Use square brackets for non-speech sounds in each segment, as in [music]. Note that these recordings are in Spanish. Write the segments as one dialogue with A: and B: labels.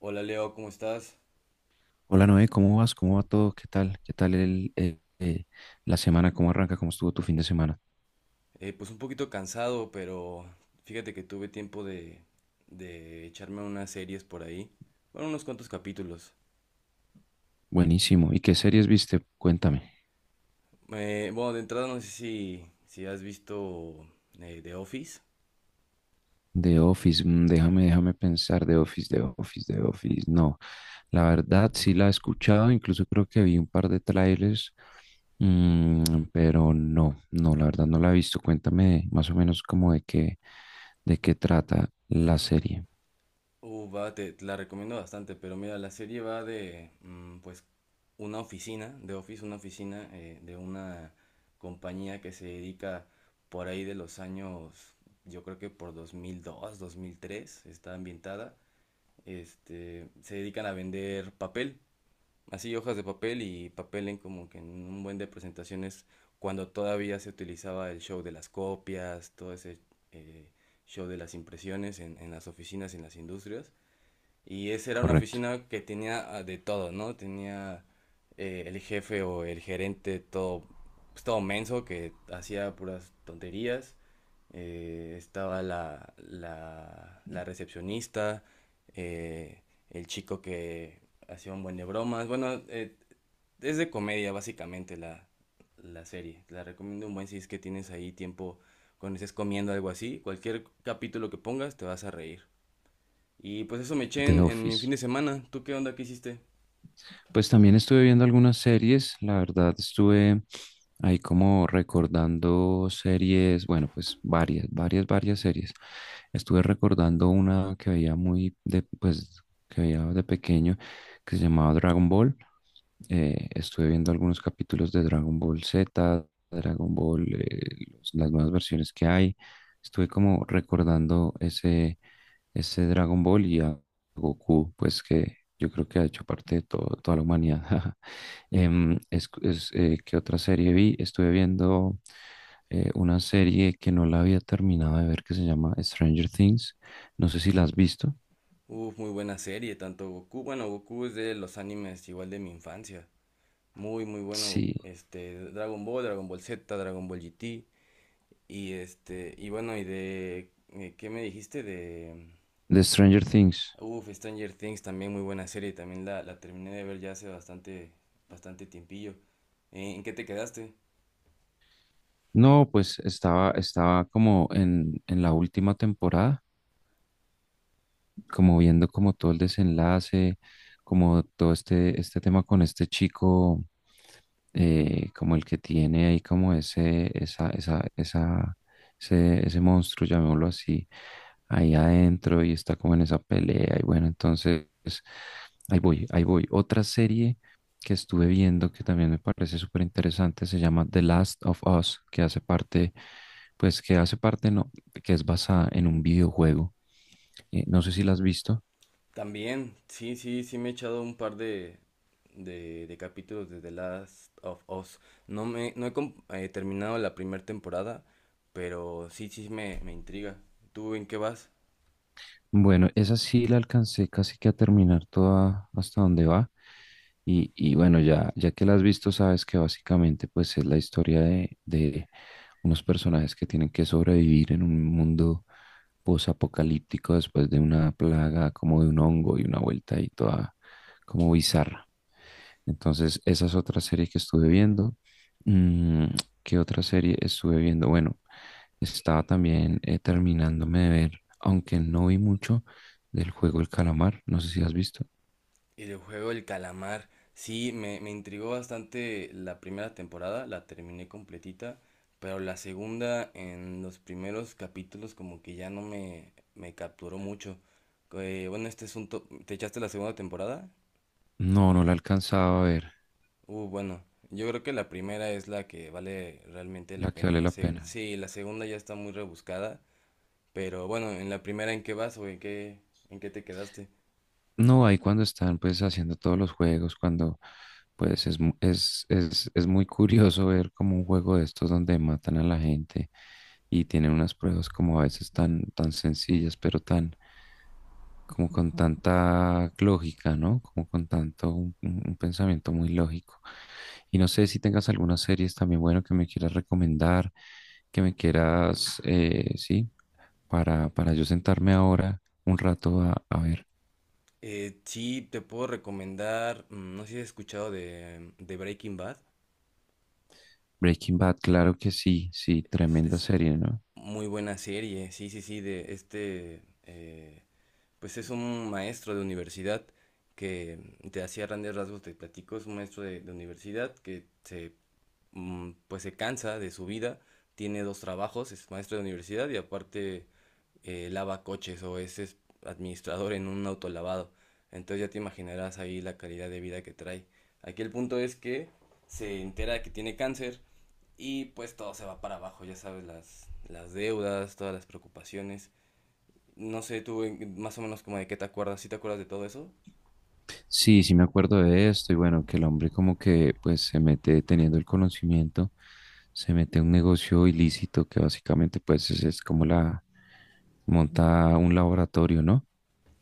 A: Hola Leo, ¿cómo estás?
B: Hola Noé, ¿cómo vas? ¿Cómo va todo? ¿Qué tal? ¿Qué tal la semana? ¿Cómo arranca? ¿Cómo estuvo tu fin de semana?
A: Pues un poquito cansado, pero fíjate que tuve tiempo de echarme unas series por ahí. Bueno, unos cuantos capítulos.
B: Buenísimo. ¿Y qué series viste? Cuéntame.
A: Bueno, de entrada no sé si has visto The Office.
B: The Office, mm, déjame pensar. The Office, The Office, The Office. No, la verdad sí la he escuchado, incluso creo que vi un par de trailers, mm, pero no, no, la verdad no la he visto. Cuéntame más o menos como de qué trata la serie.
A: Va, te la recomiendo bastante, pero mira, la serie va de pues una oficina, de Office, una oficina de una compañía que se dedica por ahí de los años, yo creo que por 2002, 2003, está ambientada. Este, se dedican a vender papel, así hojas de papel y papel en como que en un buen de presentaciones cuando todavía se utilizaba el show de las copias, todo ese eh, show de las impresiones en las oficinas y en las industrias. Y esa era una
B: Correcto.
A: oficina que tenía de todo, ¿no? Tenía el jefe o el gerente todo, pues, todo menso que hacía puras tonterías. Estaba la recepcionista, eh, el chico que hacía un buen de bromas. Bueno, es de comedia básicamente la serie. La recomiendo un buen si es que tienes ahí tiempo cuando estés comiendo algo así. Cualquier capítulo que pongas te vas a reír. Y pues eso me eché
B: The
A: en mi fin
B: Office.
A: de semana. ¿Tú qué onda? ¿Qué hiciste?
B: Pues también estuve viendo algunas series, la verdad estuve ahí como recordando series, bueno, pues varias series. Estuve recordando una que veía que veía de pequeño que se llamaba Dragon Ball. Estuve viendo algunos capítulos de Dragon Ball Z, Dragon Ball, eh, los- las nuevas versiones que hay. Estuve como recordando ese Dragon Ball y Goku, pues que yo creo que ha hecho parte de todo- toda la humanidad. [laughs] ¿Qué otra serie vi? Estuve viendo una serie que no la había terminado de ver que se llama Stranger Things. No sé si la has visto.
A: Uf, muy buena serie, tanto Goku. Bueno, Goku es de los animes igual de mi infancia. Muy, muy bueno.
B: Sí,
A: Este, Dragon Ball, Dragon Ball Z, Dragon Ball GT. Y este, y bueno, y de. ¿Qué me dijiste? De.
B: de Stranger Things.
A: Uf, Stranger Things, también muy buena serie. También la terminé de ver ya hace bastante, bastante tiempillo. ¿En qué te quedaste?
B: No, pues estaba como en la última temporada, como viendo como todo el desenlace, como todo este tema con este chico, como el que tiene ahí como ese, esa, ese monstruo, llamémoslo así, ahí adentro y está como en esa pelea. Y bueno, entonces, ahí voy. Otra serie que estuve viendo que también me parece súper interesante se llama The Last of Us, que hace parte, no, que es basada en un videojuego. No sé si la has visto.
A: También, sí, sí, sí me he echado un par de capítulos de The Last of Us. No he terminado la primera temporada, pero sí, me intriga. ¿Tú en qué vas?
B: Bueno, esa sí la alcancé casi que a terminar toda hasta donde va. Y bueno, ya que la has visto, sabes que básicamente pues es la historia de unos personajes que tienen que sobrevivir en un mundo posapocalíptico después de una plaga como de un hongo y una vuelta ahí toda como bizarra. Entonces, esa es otra serie que estuve viendo. Mm, ¿Qué otra serie estuve viendo? Bueno, estaba también terminándome de ver, aunque no vi mucho, del juego El Calamar, no sé si has visto.
A: Y del juego El Calamar. Sí, me intrigó bastante la primera temporada, la terminé completita, pero la segunda en los primeros capítulos como que ya no me, me capturó mucho. Bueno, este es un... ¿Te echaste la segunda temporada?
B: No, no la alcanzaba a ver,
A: Bueno, yo creo que la primera es la que vale realmente
B: la
A: la
B: que
A: pena.
B: vale la pena.
A: Sí, la segunda ya está muy rebuscada, pero bueno, en la primera, ¿en qué vas o en en qué te quedaste?
B: No, ahí cuando están pues haciendo todos los juegos, cuando pues es, mu- es muy curioso ver como un juego de estos donde matan a la gente y tienen unas pruebas como a veces tan sencillas, pero tan como con tanta lógica, ¿no? Como con tanto un pensamiento muy lógico. Y no sé si tengas algunas series también, bueno, que me quieras recomendar, que me quieras, sí, para yo sentarme ahora un rato a ver.
A: Sí, te puedo recomendar, no sé si has escuchado de Breaking Bad,
B: Breaking Bad, claro que sí, sí, tremenda
A: es
B: serie, ¿no?
A: muy buena serie, sí, sí, sí, de este, pues es un maestro de universidad que te hacía grandes rasgos, te platico, es un maestro de universidad que pues se cansa de su vida, tiene dos trabajos, es maestro de universidad y aparte lava coches es administrador en un autolavado. Entonces ya te imaginarás ahí la calidad de vida que trae. Aquí el punto es que se entera que tiene cáncer y pues todo se va para abajo, ya sabes, las deudas, todas las preocupaciones. No sé, tú en- más o menos como de qué te acuerdas, ¿sí te acuerdas de todo eso?
B: Sí, sí me acuerdo de esto y bueno, que el hombre como que pues se mete teniendo el conocimiento, se mete a un negocio ilícito que básicamente pues es como la monta un laboratorio, ¿no?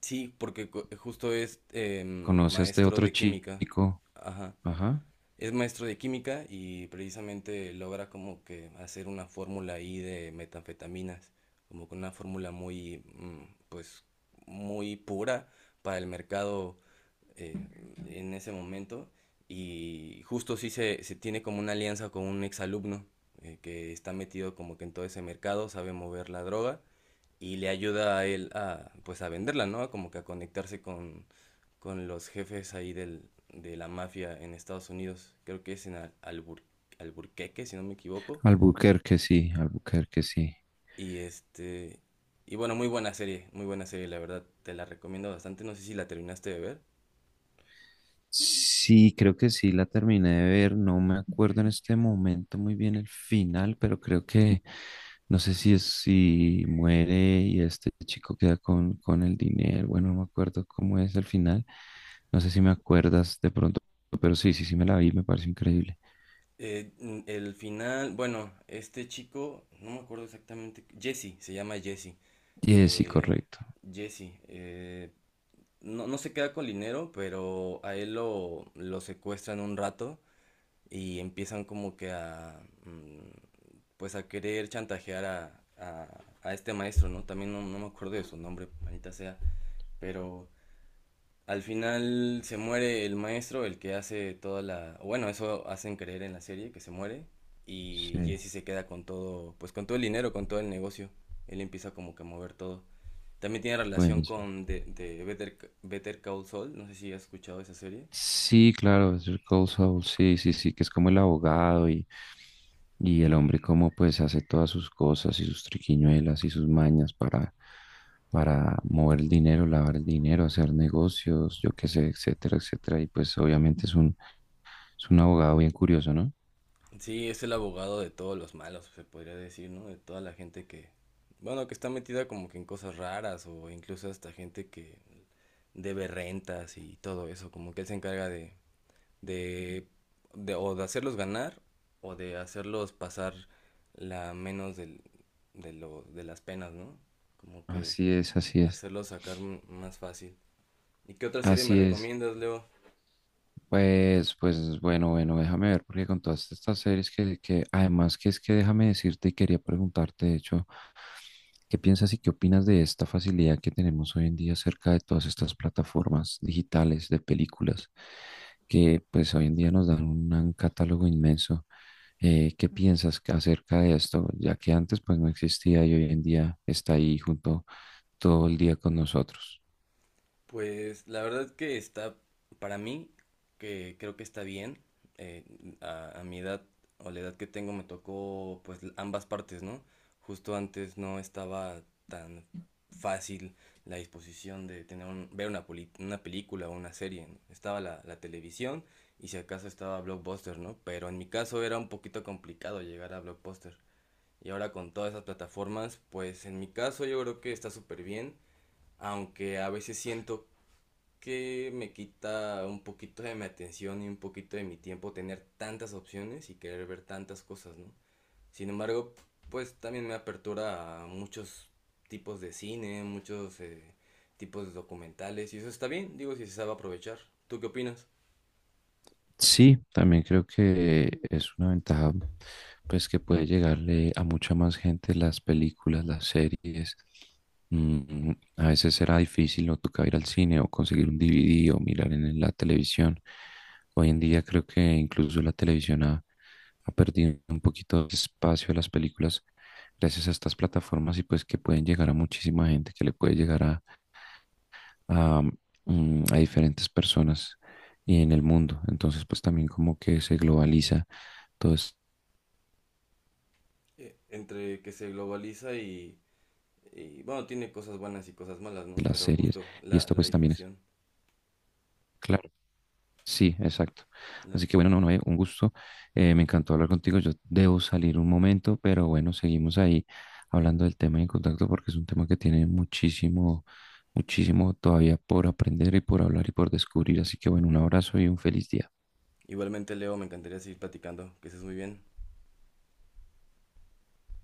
A: Sí, porque co- justo es
B: Conoce a este
A: maestro
B: otro
A: de química.
B: chico,
A: Ajá.
B: ajá,
A: Es maestro de química y precisamente logra como que hacer una fórmula ahí de metanfetaminas, como con una fórmula muy, pues, muy pura para el mercado eh, en ese momento. Y justo sí se tiene como una alianza con un exalumno que está metido como que en todo ese mercado, sabe mover la droga y le ayuda a él a, pues, a venderla, ¿no? Como que a conectarse con los jefes ahí del, de la mafia en Estados Unidos. Creo que es en Alburqueque, si no me equivoco.
B: Albuquerque, sí, Albuquerque, sí.
A: Y este... Y bueno, muy buena serie, la verdad, te la recomiendo bastante, no sé si la terminaste de ver.
B: Sí, creo que sí la terminé de ver. No me acuerdo en este momento muy bien el final, pero creo que no sé si es si muere y este chico queda con el dinero. Bueno, no me acuerdo cómo es el final. No sé si me acuerdas de pronto, pero sí, sí, sí me la vi, me pareció increíble.
A: El final, bueno, este chico, no me acuerdo exactamente, Jesse, se llama Jesse.
B: Sí, sí,
A: Eh,
B: correcto.
A: Jesse, eh, no, no se queda con el dinero, pero a él lo secuestran un rato y empiezan como que pues a querer chantajear a este maestro, ¿no? También no, no me acuerdo de su nombre, manita sea, pero al final se muere el maestro, el que hace toda la... Bueno, eso hacen creer en la serie, que se muere. Y
B: Sí,
A: Jesse se queda con todo, pues con todo el dinero, con todo el negocio. Él empieza como que a mover todo. También tiene
B: bueno.
A: relación con de Better Call Saul, no sé si has escuchado esa serie.
B: Sí, claro, es el Cold Soul, sí, sí, sí, que es como el abogado y el hombre como pues hace todas sus cosas y sus triquiñuelas y sus mañas para mover el dinero, lavar el dinero, hacer negocios, yo qué sé, etcétera, etcétera. Y pues obviamente es un abogado bien curioso, ¿no?
A: Sí, es el abogado de todos los malos, se podría decir, ¿no? De toda la gente que, bueno, que está metida como que en cosas raras o incluso hasta gente que debe rentas y todo eso, como que él se encarga de, o de hacerlos ganar o de hacerlos pasar la menos del- de, lo, de las penas, ¿no? Como que
B: Así es, así es,
A: hacerlos sacar más fácil. ¿Y qué otra serie me
B: así es.
A: recomiendas, Leo?
B: Bueno, déjame ver, porque con todas estas series que además que es que déjame decirte y quería preguntarte, de hecho, ¿qué piensas y qué opinas de esta facilidad que tenemos hoy en día acerca de todas estas plataformas digitales de películas que pues hoy en día nos dan un catálogo inmenso? ¿Qué piensas que- acerca de esto? Ya que antes pues no existía y hoy en día está ahí junto todo el día con nosotros.
A: Pues la verdad que está, para mí, que creo que está bien. Eh, a mi edad o la edad que tengo me tocó pues l- ambas partes, ¿no? Justo antes no estaba tan fácil la disposición de tener un- ver una, poli- una película o una serie, ¿no? Estaba la televisión y si acaso estaba Blockbuster, ¿no? Pero en mi caso era un poquito complicado llegar a Blockbuster. Y ahora con todas esas plataformas, pues en mi caso yo creo que está súper bien, aunque a veces siento que me quita un poquito de mi atención y un poquito de mi tiempo tener tantas opciones y querer ver tantas cosas, ¿no? Sin embargo, pues también me apertura a muchos tipos de cine, muchos tipos de documentales y eso está bien, digo, si se sabe aprovechar. ¿Tú qué opinas?
B: Sí, también creo que es una ventaja, pues que puede llegarle a mucha más gente las películas, las series. Mm, a veces será difícil no toca ir al cine o conseguir un DVD o mirar en la televisión. Hoy en día creo que incluso la televisión ha perdido un poquito de espacio a las películas gracias a estas plataformas y pues que pueden llegar a muchísima gente, que le puede llegar a, a diferentes personas y en el mundo. Entonces, pues también como que se globaliza todas
A: Entre que se globaliza bueno, tiene cosas buenas y cosas malas, ¿no?
B: las
A: Pero
B: series.
A: justo
B: Y esto
A: la
B: pues también es,
A: difusión.
B: claro, sí, exacto.
A: La
B: Así
A: dif-
B: que bueno, no, no, un gusto. Me encantó hablar contigo. Yo debo salir un momento, pero bueno, seguimos ahí hablando del tema y en contacto porque es un tema que tiene muchísimo, muchísimo todavía por aprender y por hablar y por descubrir. Así que bueno, un abrazo y un feliz día.
A: Igualmente, Leo, me encantaría seguir platicando, que estés muy bien.